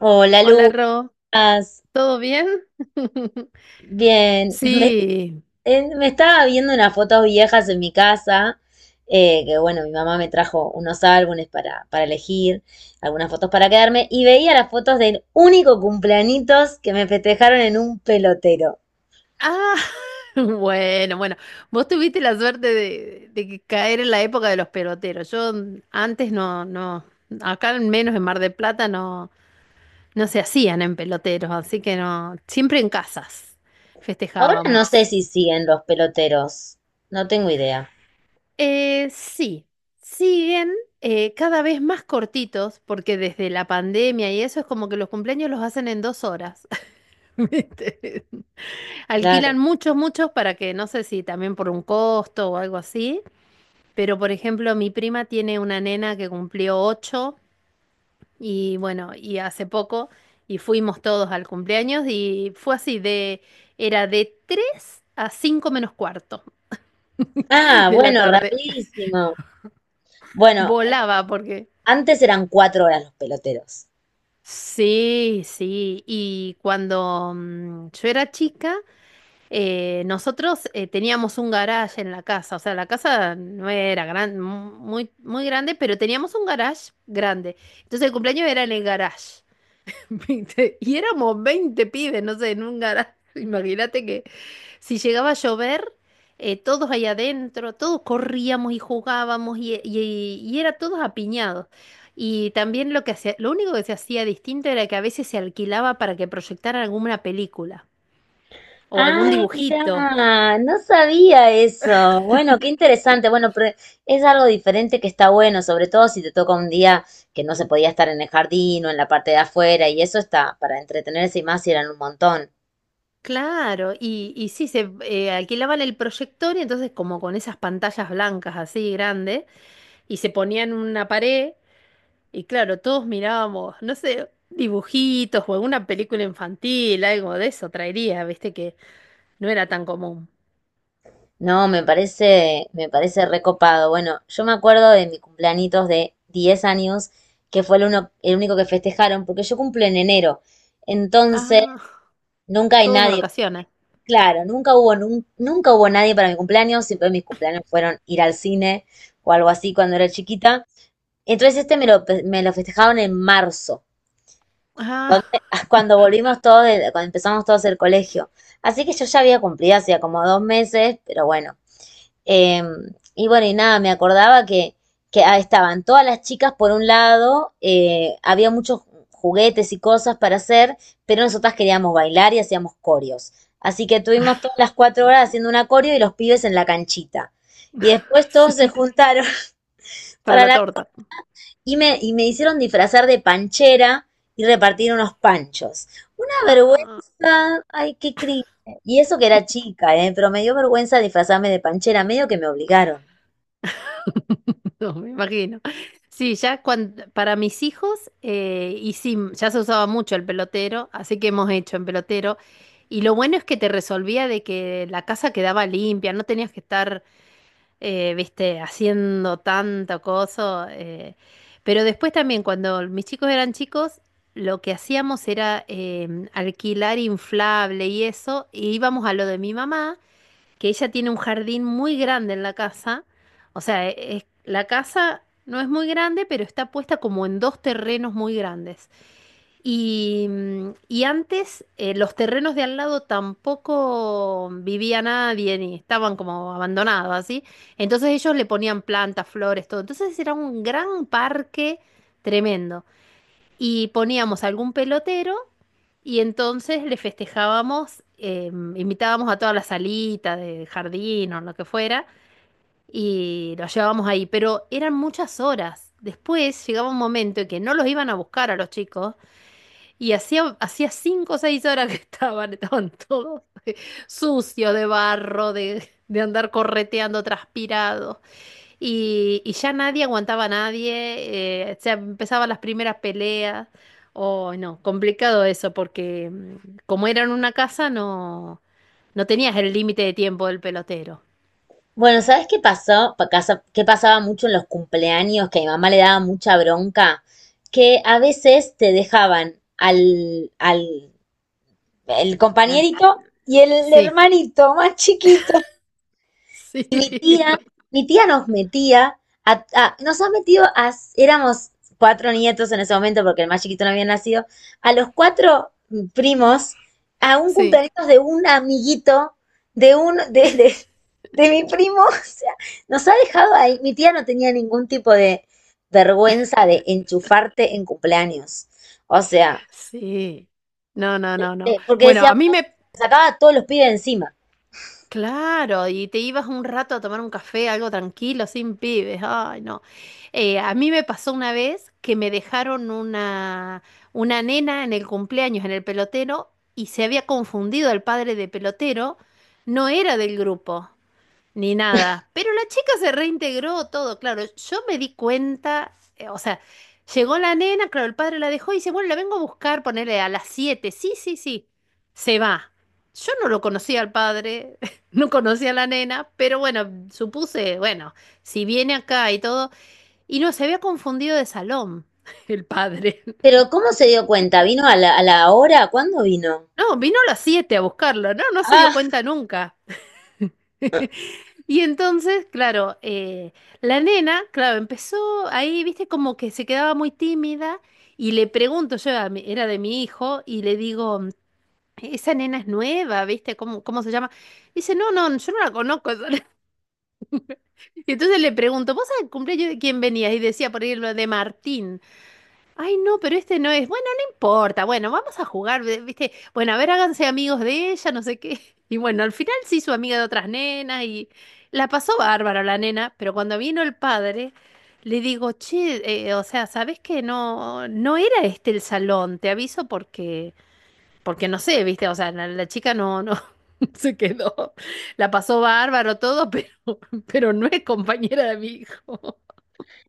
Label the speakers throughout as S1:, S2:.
S1: Hola,
S2: Hola, Ro.
S1: Lucas.
S2: ¿Todo bien?
S1: Bien. Me,
S2: Sí.
S1: eh, me estaba viendo unas fotos viejas en mi casa, que bueno, mi mamá me trajo unos álbumes para elegir, algunas fotos para quedarme, y veía las fotos del único cumpleañitos que me festejaron en un pelotero.
S2: Ah, bueno, bueno. Vos tuviste la suerte de que caer en la época de los peloteros. Yo antes no, no, acá al menos en Mar del Plata no, no se hacían en peloteros, así que no, siempre en casas
S1: Ahora no sé
S2: festejábamos.
S1: si siguen los peloteros, no tengo idea.
S2: Sí, siguen cada vez más cortitos, porque desde la pandemia y eso es como que los cumpleaños los hacen en 2 horas. ¿Viste?
S1: Claro.
S2: Alquilan muchos, muchos para que, no sé si también por un costo o algo así, pero por ejemplo, mi prima tiene una nena que cumplió 8 y bueno, y hace poco y fuimos todos al cumpleaños y fue así de, era de 3 a 5 menos cuarto
S1: Ah,
S2: de la
S1: bueno,
S2: tarde.
S1: rapidísimo. Bueno,
S2: Volaba porque...
S1: antes eran cuatro horas los peloteros.
S2: Sí, sí, y cuando yo era chica... Nosotros teníamos un garage en la casa, o sea, la casa no era gran, muy, muy grande, pero teníamos un garage grande. Entonces el cumpleaños era en el garage, ¿viste? Y éramos 20 pibes, no sé, en un garage. Imagínate que si llegaba a llover, todos ahí adentro, todos corríamos y jugábamos y era todos apiñados. Y también lo que hacía, lo único que se hacía distinto era que a veces se alquilaba para que proyectaran alguna película o algún
S1: Ay,
S2: dibujito.
S1: mira, no sabía eso. Bueno, qué interesante. Bueno, pero es algo diferente que está bueno, sobre todo si te toca un día que no se podía estar en el jardín o en la parte de afuera, y eso está para entretenerse y más si eran un montón.
S2: Claro, y sí, se alquilaban el proyector y entonces como con esas pantallas blancas así grandes y se ponían una pared y claro, todos mirábamos, no sé, dibujitos o alguna película infantil, algo de eso traería, viste que no era tan común.
S1: No, me parece recopado. Bueno, yo me acuerdo de mi cumpleañitos de 10 años, que fue el uno, el único que festejaron, porque yo cumplo en enero. Entonces,
S2: Ah,
S1: nunca hay
S2: todos de
S1: nadie.
S2: vacaciones.
S1: Claro, nunca hubo nadie para mi cumpleaños, siempre mis cumpleaños fueron ir al cine o algo así cuando era chiquita. Entonces este me lo festejaron en marzo,
S2: Ah,
S1: donde- cuando volvimos todos, cuando empezamos todos el colegio. Así que yo ya había cumplido hacía como 2 meses, pero bueno. Eh, y bueno, y nada, me acordaba que estaban todas las chicas por un lado, había muchos juguetes y cosas para hacer, pero nosotras queríamos bailar y hacíamos corios. Así que tuvimos todas las 4 horas haciendo una coreo y los pibes en la canchita. Y después todos se
S2: sí,
S1: juntaron.
S2: para
S1: para
S2: la
S1: la...
S2: torta.
S1: y me hicieron disfrazar de panchera y repartir unos panchos. Una
S2: Ah.
S1: vergüenza, ay, qué cringe. Y eso que era chica, pero me dio vergüenza disfrazarme de panchera, medio que me obligaron.
S2: No, me imagino. Sí, ya para mis hijos, y sí, ya se usaba mucho el pelotero, así que hemos hecho en pelotero. Y lo bueno es que te resolvía de que la casa quedaba limpia, no tenías que estar, viste, haciendo tanto coso. Pero después también, cuando mis chicos eran chicos, lo que hacíamos era alquilar inflable y eso, y íbamos a lo de mi mamá que ella tiene un jardín muy grande en la casa. O sea, la casa no es muy grande, pero está puesta como en dos terrenos muy grandes. Y antes los terrenos de al lado tampoco vivía nadie ni estaban como abandonados, así. Entonces ellos le ponían plantas, flores, todo. Entonces era un gran parque tremendo. Y poníamos algún pelotero. Y entonces le festejábamos, invitábamos a todas las salitas de jardín o lo que fuera y los llevábamos ahí, pero eran muchas horas. Después llegaba un momento en que no los iban a buscar a los chicos y hacía 5 o 6 horas que estaban todos sucios de barro, de andar correteando, transpirados. Y ya nadie aguantaba a nadie, o empezaban las primeras peleas. O no, complicado eso, porque como era en una casa, no, no tenías el límite de tiempo del pelotero.
S1: Bueno, ¿sabes qué pasó? ¿Qué pasaba mucho en los cumpleaños? Que a mi mamá le daba mucha bronca, que a veces te dejaban al, al el
S2: Al-
S1: compañerito y el
S2: Sí,
S1: hermanito más chiquito,
S2: sí,
S1: y mi tía,
S2: lo-
S1: mi tía nos metía. Nos ha metido, a, éramos cuatro nietos en ese momento porque el más chiquito no había nacido, a los cuatro primos, a un
S2: sí,
S1: cumpleaños de un amiguito, de un, de mi primo. O sea, nos ha dejado ahí. Mi tía no tenía ningún tipo de vergüenza de enchufarte en cumpleaños. O sea,
S2: sí. No, no, no, no.
S1: porque
S2: Bueno,
S1: decía,
S2: a
S1: bueno,
S2: mí me...
S1: sacaba a todos los pibes encima.
S2: Claro, y te ibas un rato a tomar un café, algo tranquilo, sin pibes. Ay, no. A mí me pasó una vez que me dejaron una nena en el cumpleaños, en el pelotero, y se había confundido el padre de pelotero, no era del grupo. Ni nada. Pero la chica se reintegró todo, claro. Yo me di cuenta, o sea, llegó la nena, claro, el padre la dejó y dice, bueno, la vengo a buscar, ponerle a las 7. Sí, sí, sí. Se va. Yo no lo conocía al padre, no conocía a la nena, pero bueno, supuse, bueno, si viene acá y todo, y no, se había confundido de salón el padre.
S1: Pero ¿cómo se dio cuenta? ¿Vino a la hora? ¿Cuándo vino?
S2: No, vino a las 7 a buscarlo, no, no se dio cuenta nunca. Y entonces, claro, la nena, claro, empezó ahí, viste, como que se quedaba muy tímida y le pregunto, yo era de mi hijo, y le digo, "Mm, esa nena es nueva, viste, ¿cómo se llama? Dice, no, no, yo no la conozco. Y entonces le pregunto, ¿vos al cumpleaños de quién venías? Y decía, por ejemplo, de Martín. Ay, no, pero este no es. Bueno, no importa. Bueno, vamos a jugar, ve- ¿viste? Bueno, a ver, háganse amigos de ella, no sé qué. Y bueno, al final se hizo amiga de otras nenas y la pasó bárbaro la nena, pero cuando vino el padre, le digo, che, o sea, ¿sabés que no, no era este el salón? Te aviso porque, no sé, ¿viste? O sea, la chica no, no se quedó. La pasó bárbaro todo, pero pero no es compañera de mi hijo.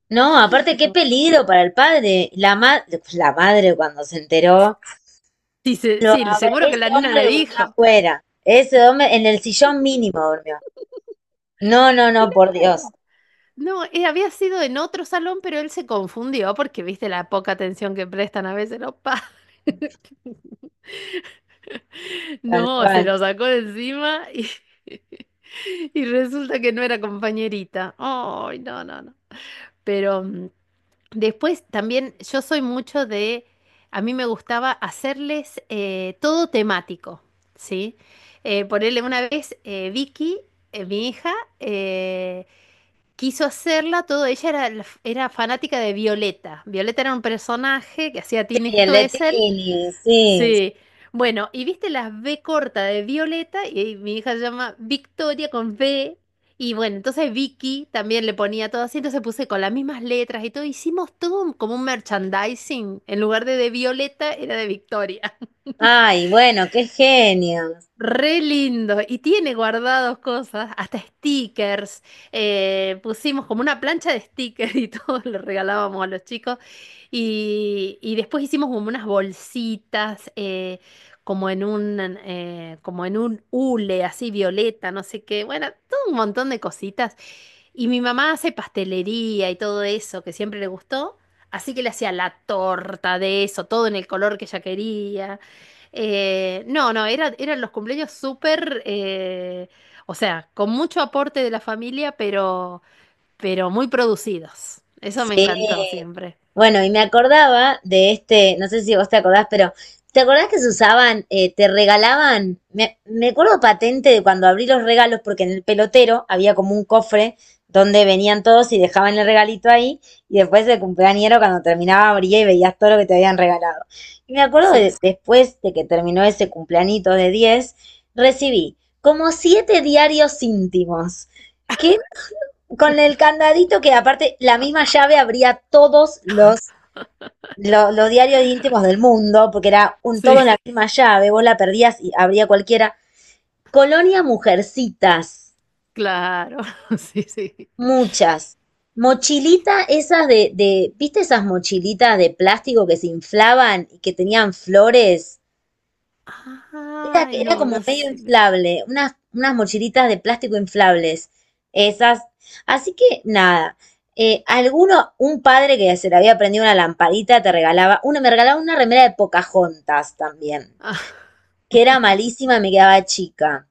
S1: No, aparte qué peligro para el padre. Pues, la madre cuando se enteró,
S2: Sí, sí,
S1: a ver,
S2: seguro que
S1: ese
S2: la nena le
S1: hombre durmió
S2: dijo.
S1: afuera. Ese hombre en el sillón mínimo durmió. No, no, no, por Dios.
S2: Claro. No, había sido en otro salón, pero él se confundió porque viste la poca atención que prestan a veces los padres.
S1: Tal
S2: No, se
S1: cual.
S2: lo sacó de encima y y resulta que no era compañerita. Ay, no, no, no. Pero después también yo soy mucho de, a mí me gustaba hacerles todo temático, ¿sí? Ponerle una vez Vicky, mi hija, eh, quiso hacerla, todo ella era, la era fanática de Violeta. Violeta era un personaje que hacía Tini
S1: Y el
S2: Stoessel.
S1: Letini, sí.
S2: Sí. Bueno, y viste las B corta de Violeta, y mi hija se llama Victoria con V. Y bueno, entonces Vicky también le ponía todo así, entonces puse con las mismas letras y todo. Hicimos todo un- como un merchandising. En lugar de Violeta, era de Victoria.
S1: Ay, bueno, qué genio.
S2: Re lindo. Y tiene guardados cosas, hasta stickers. Pusimos como una plancha de stickers y todo lo regalábamos a los chicos. Y después hicimos como unas bolsitas, como en un hule así violeta, no sé qué. Bueno, todo un montón de cositas. Y mi mamá hace pastelería y todo eso, que siempre le gustó. Así que le hacía la torta de eso, todo en el color que ella quería. No, no, eran los cumpleaños súper, o sea, con mucho aporte de la familia, pero muy producidos. Eso me encantó
S1: Sí.
S2: siempre.
S1: Bueno, y me acordaba de este, no sé si vos te acordás, pero ¿te acordás que se usaban, te regalaban? Me acuerdo patente de cuando abrí los regalos, porque en el pelotero había como un cofre donde venían todos y dejaban el regalito ahí, y después el cumpleañero cuando terminaba abría y veías todo lo que te habían regalado. Y me acuerdo
S2: Sí,
S1: después de que terminó ese cumpleañito de 10, recibí como siete diarios íntimos. ¿Qué? Con el candadito que aparte la misma llave abría todos los, los diarios íntimos del mundo, porque era un todo
S2: sí,
S1: en la misma llave, vos la perdías y abría cualquiera. Colonia Mujercitas,
S2: claro, sí, sí.
S1: muchas. Mochilita esas ¿viste esas mochilitas de plástico que se inflaban y que tenían flores? Era,
S2: Ay,
S1: era
S2: no,
S1: como
S2: no
S1: medio
S2: sé, pero...
S1: inflable, unas mochilitas de plástico inflables, esas. Así que nada, alguno, un padre que se le había prendido una lamparita te regalaba, uno me regalaba una remera de Pocahontas también,
S2: Ah,
S1: que era malísima y me quedaba chica.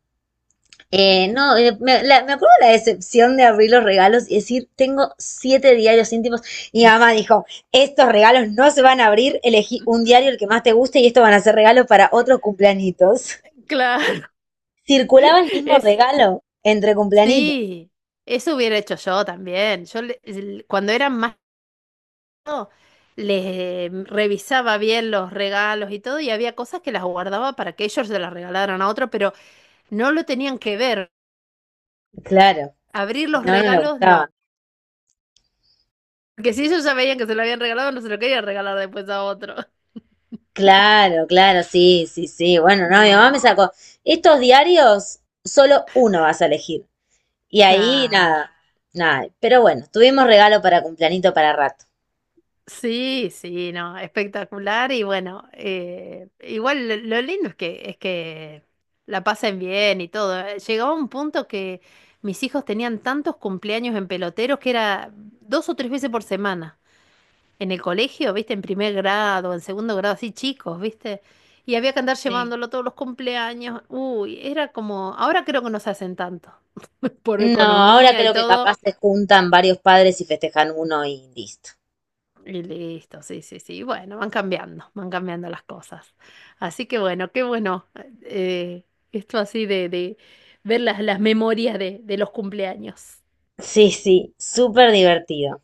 S1: No, me acuerdo la decepción de abrir los regalos y decir, tengo siete diarios íntimos. Y mi mamá dijo, estos regalos no se van a abrir, elegí un diario el que más te guste y estos van a ser regalos para otros cumpleañitos.
S2: claro,
S1: Circulaba el mismo
S2: es,
S1: regalo entre cumpleañitos.
S2: sí, eso hubiera hecho yo también. Yo le- el- cuando eran más les revisaba bien los regalos y todo, y había cosas que las guardaba para que ellos se las regalaran a otro, pero no lo tenían que ver.
S1: Claro,
S2: Abrir
S1: si
S2: los
S1: no, no le
S2: regalos,
S1: gustaba.
S2: no. Porque si ellos ya veían que se lo habían regalado, no se lo querían regalar después a otro.
S1: Claro, claro, sí, sí, sí. Bueno, no, mi mamá
S2: No,
S1: me sacó. Estos diarios, solo uno vas a elegir. Y ahí
S2: claro.
S1: nada, nada. Pero bueno, tuvimos regalo para cumpleañito para rato.
S2: Sí, sí, no, espectacular y bueno, igual lo lindo es que la pasen bien y todo. Llegaba un punto que mis hijos tenían tantos cumpleaños en peloteros que era dos o tres veces por semana en el colegio, viste, en primer grado, en segundo grado, así chicos, viste, y había que andar
S1: Sí.
S2: llevándolo todos los cumpleaños. Uy, era como, ahora creo que no se hacen tanto por
S1: No, ahora
S2: economía y
S1: creo que
S2: todo.
S1: capaz se juntan varios padres y festejan uno y listo.
S2: Y listo, sí, sí, sí. Bueno, van cambiando las cosas. Así que bueno, qué bueno. eh, Esto así de ver las memorias de los cumpleaños.
S1: Sí, sí, súper divertido.